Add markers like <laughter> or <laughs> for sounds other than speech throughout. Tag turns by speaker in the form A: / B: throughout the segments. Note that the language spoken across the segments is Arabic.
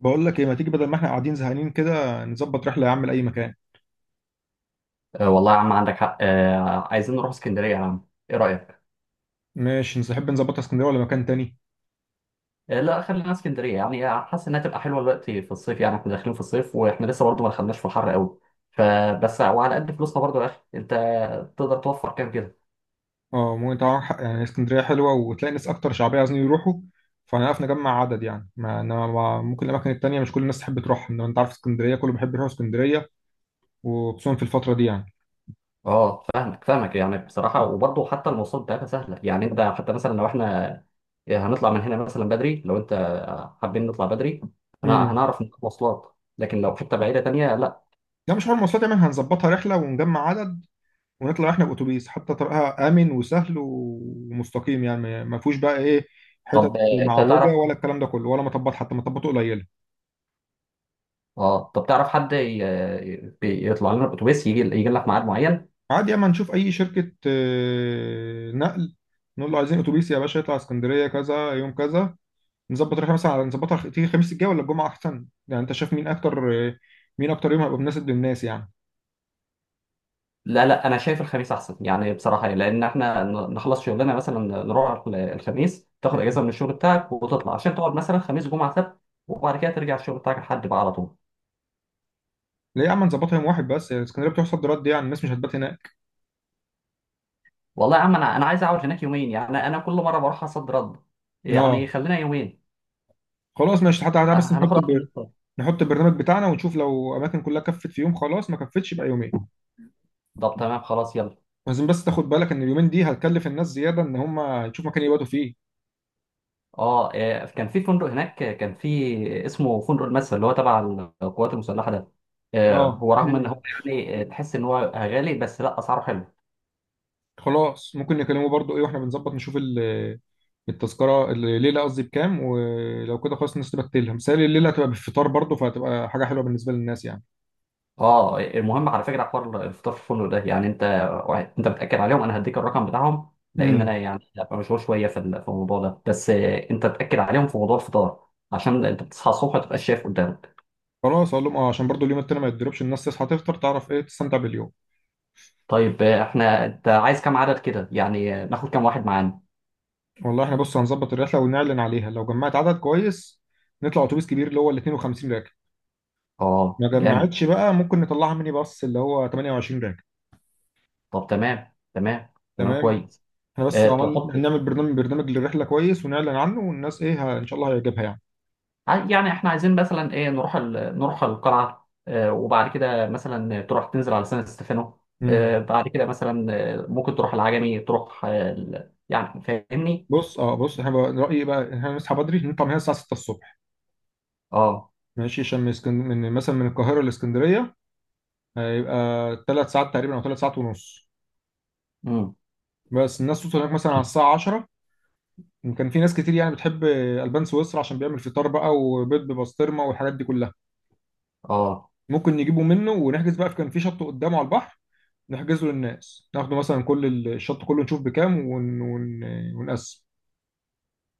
A: بقول لك ايه، ما تيجي بدل ما احنا قاعدين زهقانين كده نظبط رحله يا عم لاي مكان؟
B: آه، والله يا عم عندك حق، عايزين نروح اسكندريه يا عم، ايه رايك؟
A: ماشي، نحب نظبطها اسكندريه ولا مكان تاني؟
B: آه، لا خلينا اسكندريه، يعني حاسس انها تبقى حلوه الوقت في الصيف. يعني احنا داخلين في الصيف واحنا لسه برضه ما دخلناش في الحر قوي. فبس وعلى قد فلوسنا برضه يا اخي انت، تقدر توفر كام كده؟
A: اه ممكن طبعا، يعني اسكندريه حلوه وتلاقي ناس اكتر شعبيه عايزين يروحوا. فهنعرف نجمع عدد، يعني ما إنما ممكن الاماكن التانيه مش كل الناس تحب تروح، انما انت عارف اسكندريه كله بيحب يروح اسكندريه، وخصوصا في الفتره دي يعني.
B: اه فاهمك فاهمك، يعني بصراحه وبرضه حتى المواصلات بتاعتها سهله. يعني انت حتى مثلا لو احنا هنطلع من هنا مثلا بدري، لو انت حابين نطلع بدري،
A: امم
B: هنعرف نجيب مواصلات، لكن لو حته بعيده تانيه، لا.
A: لا مش حوار مواصلات، يعني هنظبطها رحله ونجمع عدد ونطلع احنا باتوبيس، حتى طريقها امن وسهل ومستقيم يعني ما فيهوش بقى ايه، حتت
B: طب انت
A: معوجه
B: تعرف.
A: ولا الكلام ده كله، ولا مطبات، حتى مطبات قليله.
B: اه طب تعرف حد يطلع لنا الاتوبيس، يجي لك ميعاد معين؟
A: عادي، اما نشوف اي شركة نقل، نقول له عايزين اتوبيس يا باشا يطلع اسكندرية كذا، يوم كذا. نظبط رحلة مثلا على نظبطها تيجي الخميس الجاي ولا الجمعة احسن؟ يعني انت شايف مين اكتر مين اكتر يوم هيبقى مناسب للناس يعني.
B: لا، لا، انا شايف الخميس احسن يعني، بصراحه يعني، لان احنا نخلص شغلنا مثلا، نروح الخميس،
A: <laughs> م-
B: تاخد اجازه
A: م.
B: من الشغل بتاعك وتطلع عشان تقعد مثلا خميس جمعه سبت، وبعد كده ترجع الشغل بتاعك لحد بقى على طول.
A: ليه يا عم نظبطها يوم واحد بس؟ يعني اسكندرية بتحصل رد، يعني الناس مش هتبات هناك.
B: والله يا عم، انا عايز اقعد هناك يومين. يعني انا كل مره بروح اصد رد، يعني
A: اه
B: خلينا يومين.
A: خلاص ماشي، حتى تعالى
B: أه،
A: بس
B: هناخدها في النص.
A: نحط البرنامج بتاعنا ونشوف، لو اماكن كلها كفت في يوم خلاص، ما كفتش يبقى يومين.
B: طب تمام، خلاص يلا.
A: لازم بس تاخد بالك ان اليومين دي هتكلف الناس زيادة، ان هم يشوفوا مكان يباتوا فيه.
B: اه، كان في فندق هناك، كان في اسمه فندق المدفع اللي هو تبع القوات المسلحه ده.
A: اه
B: هو رغم ان هو
A: م.
B: يعني تحس ان هو غالي، بس لا، اسعاره حلو.
A: خلاص ممكن نكلمه برضو ايه، واحنا بنظبط نشوف التذكرة الليلة قصدي بكام، ولو كده خلاص الناس تبقى تلهم مثالي، الليلة هتبقى بالفطار برضو، فهتبقى حاجة حلوة بالنسبة للناس يعني.
B: اه، المهم على فكره حوار الفطار في الفندق ده، يعني انت، انت بتاكد عليهم. انا هديك الرقم بتاعهم، لان انا
A: امم
B: يعني هبقى مشغول شويه في في الموضوع ده، بس انت تاكد عليهم في موضوع الفطار عشان انت بتصحى الصبح ما تبقاش شايف قدامك.
A: خلاص اقول لهم، اه عشان برضو اليوم التاني ما يتضربش، الناس تصحى تفطر تعرف ايه تستمتع باليوم.
B: طيب احنا انت عايز كام عدد كده يعني، ناخد كام واحد معانا؟
A: والله احنا بص، هنظبط الرحلة ونعلن عليها، لو جمعت عدد كويس نطلع اتوبيس كبير اللي هو ال 52 راكب،
B: اه،
A: ما
B: جامد.
A: جمعتش بقى ممكن نطلعها ميني باص اللي هو 28 راكب.
B: طب تمام تمام تمام،
A: تمام،
B: كويس.
A: احنا بس عمال
B: تحط
A: نعمل برنامج للرحلة كويس ونعلن عنه، والناس ايه ان شاء الله هيعجبها يعني.
B: يعني احنا عايزين مثلا ايه، نروح نروح القلعه، وبعد كده مثلا تروح تنزل على سان ستيفانو،
A: امم
B: بعد كده مثلا، ممكن تروح العجمي، تروح يعني فاهمني.
A: بص اه بص، احنا رأيي بقى إن احنا نصحى بدري نطلع من هنا الساعة 6 الصبح،
B: اه.
A: ماشي؟ عشان من من مثلا من القاهرة لاسكندرية هيبقى ثلاث ساعات تقريبا او ثلاث ساعات ونص.
B: امم.
A: بس الناس توصل هناك مثلا على الساعة 10، كان في ناس كتير يعني بتحب البان سويسرا، عشان بيعمل فطار بقى وبيض ببسطرمة والحاجات دي كلها.
B: اه.
A: ممكن نجيبه منه ونحجز بقى، في كان في شط قدامه على البحر نحجزه للناس، ناخده مثلا كل الشط كله، نشوف بكام ونقسم،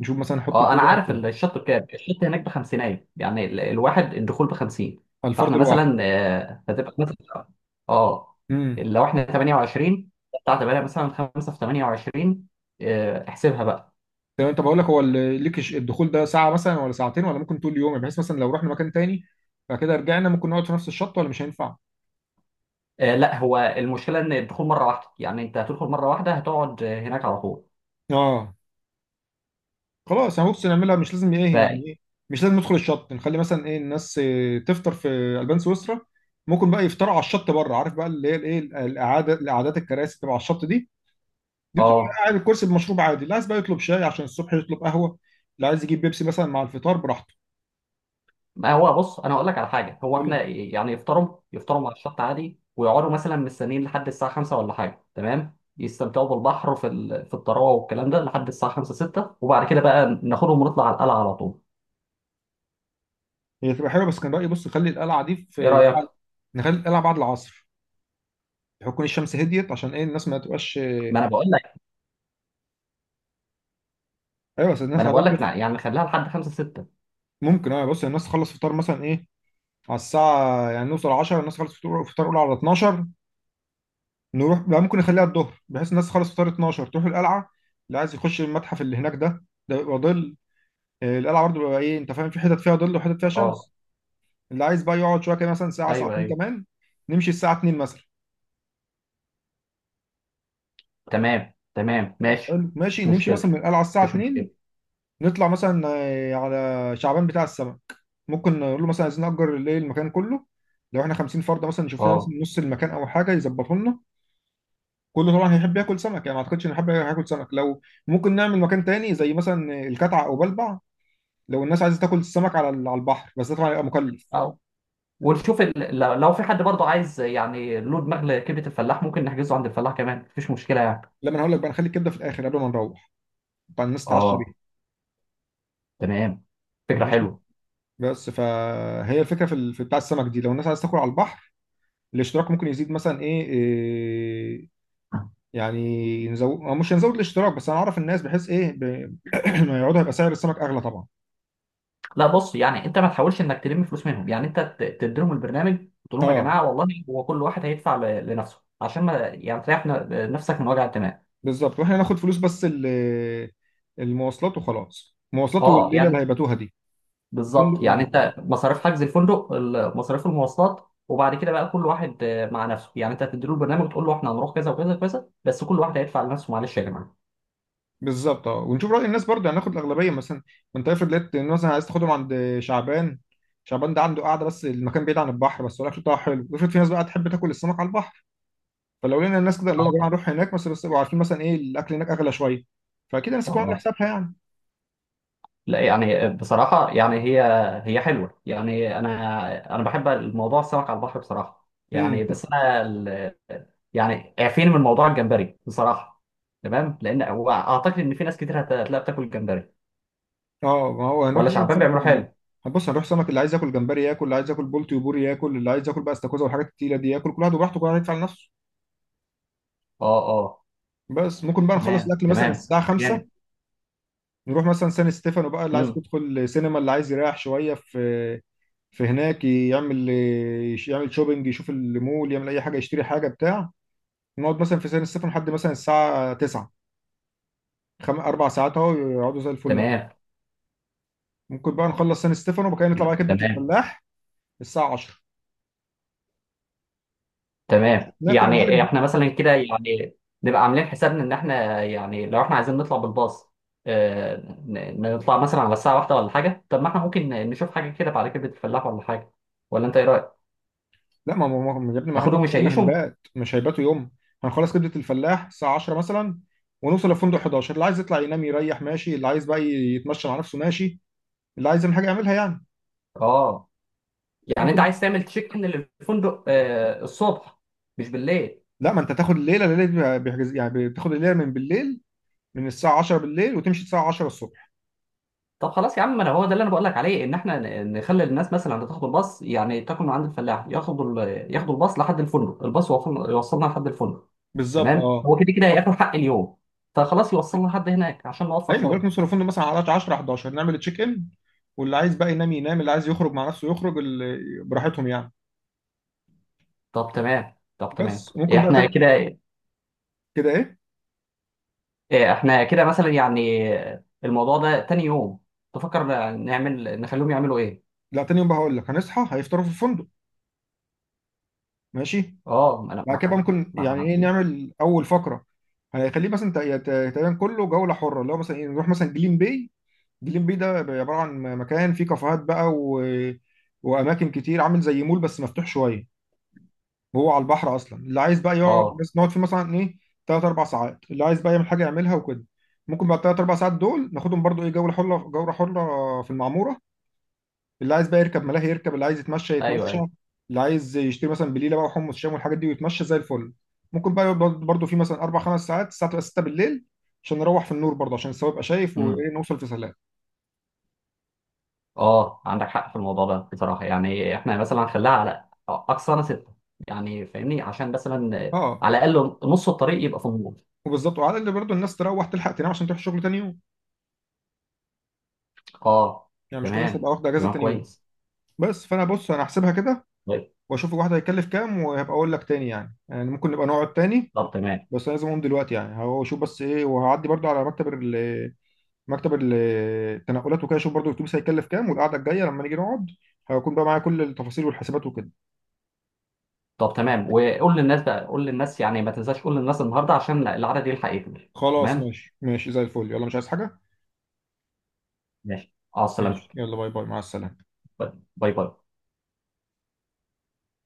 A: نشوف مثلا نحط
B: اه،
A: لكل
B: انا
A: واحد
B: عارف
A: كام.
B: الشط بكام، الشط هناك بخمسينايه يعني، الواحد الدخول بخمسين.
A: على الفرد
B: فاحنا مثلا
A: الواحد.
B: هتبقى مثلا، اه،
A: امم
B: لو احنا 28، بتاع 8 مثلا، 5 في 28، احسبها بقى.
A: تمام، طب اقول لك، هو الدخول ده ساعه مثلا ولا ساعتين، ولا ممكن طول اليوم، بحيث مثلا لو رحنا مكان تاني بعد كده رجعنا ممكن نقعد في نفس الشط، ولا مش هينفع؟
B: آه، لا، هو المشكله ان الدخول مره واحده، يعني انت هتدخل مره واحده، هتقعد هناك على طول.
A: اه خلاص، انا بص نعملها مش لازم
B: ف
A: ايه يعني ايه، مش لازم ندخل الشط، نخلي مثلا ايه الناس تفطر في البان سويسرا، ممكن بقى يفطروا على الشط بره، عارف بقى اللي هي الايه الاعاده الاعادات الكراسي تبع الشط دي، دي بتبقى
B: اه،
A: قاعد الكرسي بمشروب عادي، اللي عايز بقى يطلب شاي، عشان الصبح يطلب قهوه، اللي عايز يجيب بيبسي مثلا مع الفطار براحته.
B: ما هو بص، انا اقول لك على حاجه. هو
A: قول
B: احنا
A: لي.
B: يعني يفطروا مع الشط عادي، ويقعدوا مثلا مستنيين لحد الساعه 5 ولا حاجه تمام، يستمتعوا بالبحر في في الطراوه والكلام ده لحد الساعه 5، 6، وبعد كده بقى ناخدهم ونطلع على القلعه على طول.
A: هي تبقى حلوه، بس كان رايي بص خلي القلعه دي
B: ايه
A: في،
B: رايك؟
A: نخلي القلعه بعد العصر، يكون الشمس هديت، عشان ايه الناس ما تبقاش.
B: ما انا بقول لك
A: ايوه بس
B: ما
A: الناس
B: انا بقول لك،
A: هتطبخ.
B: يعني نخليها لحد 5، 6.
A: ممكن، اه بص الناس تخلص فطار مثلا ايه، على الساعة يعني نوصل 10، الناس تخلص فطور فطار اولى على 12، نروح بقى ممكن نخليها الظهر بحيث الناس تخلص فطار 12 تروح القلعة، اللي عايز يخش المتحف اللي هناك ده ده بيبقى ظل، القلعة برضه بيبقى ايه انت فاهم، في حتت فيها ظل وحتت فيها
B: اه.
A: شمس. اللي عايز بقى يقعد شوية كده مثلا ساعة
B: ايوه
A: ساعتين
B: ايوه،
A: كمان، نمشي الساعة 2 مثلا.
B: تمام تمام، ماشي.
A: حلو، ماشي
B: مش
A: نمشي
B: مشكله،
A: مثلا من القلعة الساعة
B: مش
A: 2،
B: مشكله.
A: نطلع مثلا على شعبان بتاع السمك، ممكن نقول له مثلا عايزين نأجر الليل المكان كله، لو احنا 50 فرد مثلا نشوف لنا
B: اه،
A: مثلا نص المكان او حاجه يظبطه لنا، كله طبعا هيحب ياكل سمك، يعني ما اعتقدش ان حد هياكل سمك لو، ممكن نعمل مكان تاني زي مثلا الكتعة او بلبع، لو الناس عايزه تاكل السمك على على البحر بس ده طبعا هيبقى مكلف.
B: ونشوف لو في حد برضه عايز يعني له دماغ لكبده الفلاح، ممكن نحجزه عند الفلاح كمان، مفيش مشكله يعني.
A: لما انا هقول لك بقى، نخلي الكبده في الاخر قبل ما نروح، طبعا الناس تتعشى
B: اه،
A: بيها.
B: تمام، فكره
A: ماشي،
B: حلوه.
A: بس فهي الفكره في في بتاع السمك دي، لو الناس عايزه تاكل على البحر الاشتراك ممكن يزيد، مثلا ايه, آه، يعني نزود أو مش هنزود الاشتراك، بس هنعرف الناس بحيث ايه <clears throat> ما يقعدوا، هيبقى سعر السمك اغلى طبعا.
B: لا بص، يعني انت ما تحاولش انك تلم فلوس منهم. يعني انت تديلهم البرنامج، تقول لهم يا
A: اه
B: جماعه والله هو كل واحد هيدفع لنفسه عشان ما يعني تريح نفسك من وجع الدماغ.
A: بالظبط، واحنا هناخد فلوس بس المواصلات وخلاص، مواصلات
B: اه
A: والليله اللي
B: يعني
A: هيباتوها دي.
B: بالظبط
A: الفندق
B: يعني،
A: والمواصلات
B: انت مصاريف حجز الفندق، مصاريف المواصلات، وبعد كده بقى كل واحد مع نفسه، يعني انت هتديله البرنامج وتقول له احنا هنروح كذا وكذا وكذا، بس كل واحد هيدفع لنفسه، معلش يا جماعه.
A: بالظبط اه، ونشوف راي الناس برضه، هناخد الاغلبيه. مثلا ما انت افرض لقيت إن مثلا عايز تاخدهم عند شعبان، شعبان ده عنده قاعده بس المكان بعيد عن البحر، بس الاكل بتاعه حلو، افرض في ناس بقى تحب تاكل السمك على البحر، فلو لقينا الناس كده اللي هم يا جماعه
B: اه.
A: نروح هناك بس، بس يبقوا عارفين مثلا ايه الاكل هناك اغلى شويه، فاكيد الناس
B: اه.
A: تكون عامله
B: آه.
A: حسابها يعني.
B: لا، يعني بصراحة، يعني هي حلوة، يعني أنا بحب الموضوع السمك على البحر بصراحة، يعني
A: امم
B: بس أنا يعني اعفيني من موضوع الجمبري بصراحة. تمام، لأن هو أعتقد إن في ناس كتير هتلاقي بتاكل جمبري،
A: اه ما هو هنروح
B: ولا
A: بقى
B: شعبان بيعملوه حلو.
A: بص هنروح سمك، اللي عايز ياكل جمبري ياكل، اللي عايز ياكل بولتي وبوري ياكل، اللي عايز ياكل بقى استاكوزا والحاجات التقيله دي ياكل، كل واحد وبراحته، كل واحد يدفع لنفسه.
B: أه، أه،
A: بس ممكن بقى نخلص
B: تمام
A: الاكل مثلا
B: تمام،
A: الساعه
B: جامد.
A: 5، نروح مثلا سان ستيفانو بقى، اللي عايز
B: امم.
A: يدخل سينما، اللي عايز يريح شويه في، في هناك يعمل، يعمل شوبينج، يشوف المول، يعمل اي حاجه يشتري حاجه بتاع. نقعد مثلا في سان ستيفانو لحد مثلا الساعه 9، اربع ساعات اهو يقعدوا زي الفل.
B: تمام.
A: ممكن بقى نخلص سان ستيفانو وبعد كده نطلع بقى
B: لا،
A: كبده
B: تمام
A: الفلاح الساعه 10،
B: تمام،
A: ناكل يا
B: يعني
A: معلم.
B: احنا مثلا كده يعني، نبقى عاملين حسابنا ان احنا، يعني لو احنا عايزين نطلع بالباص، آه، نطلع مثلا على الساعة واحدة ولا حاجة. طب ما احنا ممكن نشوف حاجة كده بعد كده الفلاح ولا حاجة. ولا انت ايه رأيك؟
A: لا ما ما يا ابني ما احنا
B: ناخدهم
A: قلنا
B: نشيشهم؟
A: هنبات، مش هيباتوا يوم، هنخلص كبدة الفلاح الساعة 10 مثلا، ونوصل للفندق 11، اللي عايز يطلع ينام يريح ماشي، اللي عايز بقى يتمشى مع نفسه ماشي، اللي عايز يعمل حاجة يعملها يعني.
B: اه، يعني انت
A: ممكن.
B: عايز تعمل تشيك ان للفندق الصبح، مش بالليل؟
A: لا ما انت تاخد الليلة دي بيحجز، يعني بتاخد الليلة من بالليل، من الساعة 10 بالليل وتمشي الساعة 10 الصبح.
B: طب خلاص يا عم، ما انا هو ده اللي انا بقول لك عليه، ان احنا نخلي الناس مثلا اللي تاخد الباص يعني تاكل من عند الفلاح، ياخدوا ياخدوا الباص لحد الفندق، الباص يوصلنا لحد الفندق.
A: بالظبط
B: تمام،
A: اه،
B: هو كده كده هياكل حق اليوم، فخلاص يوصلنا لحد هناك عشان نوفر
A: ايوه ما بالك نوصل
B: شويه.
A: للفندق مثلا على 10 11 نعمل تشيك ان، واللي عايز بقى ينام ينام، اللي عايز يخرج مع نفسه يخرج، اللي براحتهم يعني.
B: طب تمام، طب تمام،
A: بس
B: إيه،
A: ممكن بقى
B: احنا
A: تاني
B: كده.
A: كده ايه.
B: إيه، احنا كده مثلا يعني، الموضوع ده تاني يوم، تفكر، نعمل نخليهم يعملوا ايه.
A: لا تاني يوم بقى هقول لك، هنصحى هيفطروا في الفندق ماشي،
B: اه،
A: بعد كده بقى ممكن
B: ما
A: يعني
B: احنا
A: ايه
B: عارفين.
A: نعمل اول فقره، هيخليه مثلا تقريبا كله جوله حره، اللي هو مثلا ايه نروح مثلا جليم باي. جليم باي ده بيبقى عباره عن مكان فيه كافيهات بقى واماكن كتير عامل زي مول بس مفتوح شويه، وهو على البحر اصلا، اللي عايز بقى يقعد
B: اه،
A: بس نقعد فيه مثلا ايه، ثلاث اربع ساعات، اللي عايز بقى يعمل حاجه يعملها وكده. ممكن بعد ثلاث اربع ساعات دول ناخدهم برضو ايه جوله حره، جوله حره في المعموره، اللي عايز بقى يركب ملاهي يركب، اللي عايز يتمشى
B: ايوه
A: يتمشى،
B: ايوه.
A: اللي عايز يشتري مثلا بليله بقى وحمص شام والحاجات دي ويتمشى زي الفل. ممكن بقى يقعد برضه في مثلا اربع خمس ساعات، الساعه تبقى 6 بالليل، عشان نروح في النور برضه، عشان السواق يبقى شايف
B: امم.
A: وايه نوصل في سلام.
B: اه، عندك حق في الموضوع ده بصراحه، يعني احنا مثلا هنخليها على اقصانا سته، يعني فاهمني، عشان مثلا
A: اه
B: على الاقل نص الطريق يبقى في النور.
A: وبالظبط، وعلى اللي برضه الناس تروح تلحق تنام عشان تروح الشغل تاني يوم،
B: اه،
A: يعني مش كل الناس
B: تمام
A: هتبقى واخده اجازه
B: تمام،
A: تاني يوم.
B: كويس.
A: بس فانا بص انا هحسبها كده،
B: طيب.
A: واشوف الواحد هيكلف كام، وهبقى اقول لك تاني يعني، يعني ممكن نبقى نقعد تاني.
B: طب تمام،
A: بس أنا لازم اقوم دلوقتي يعني، هشوف بس ايه، وهعدي برضه على مكتب ال- التنقلات وكده، شوف برضو الاتوبيس هيكلف كام، والقعده الجايه لما نيجي نقعد هيكون بقى معايا كل التفاصيل والحسابات وكده.
B: طب تمام، وقول للناس بقى، قول للناس يعني ما تنساش، قول للناس النهارده عشان العدد يلحق يكمل.
A: خلاص
B: تمام،
A: ماشي ماشي زي الفل، يلا مش عايز حاجه.
B: ماشي. اه،
A: ماشي
B: سلامتك.
A: يلا، باي باي، مع السلامه.
B: باي باي.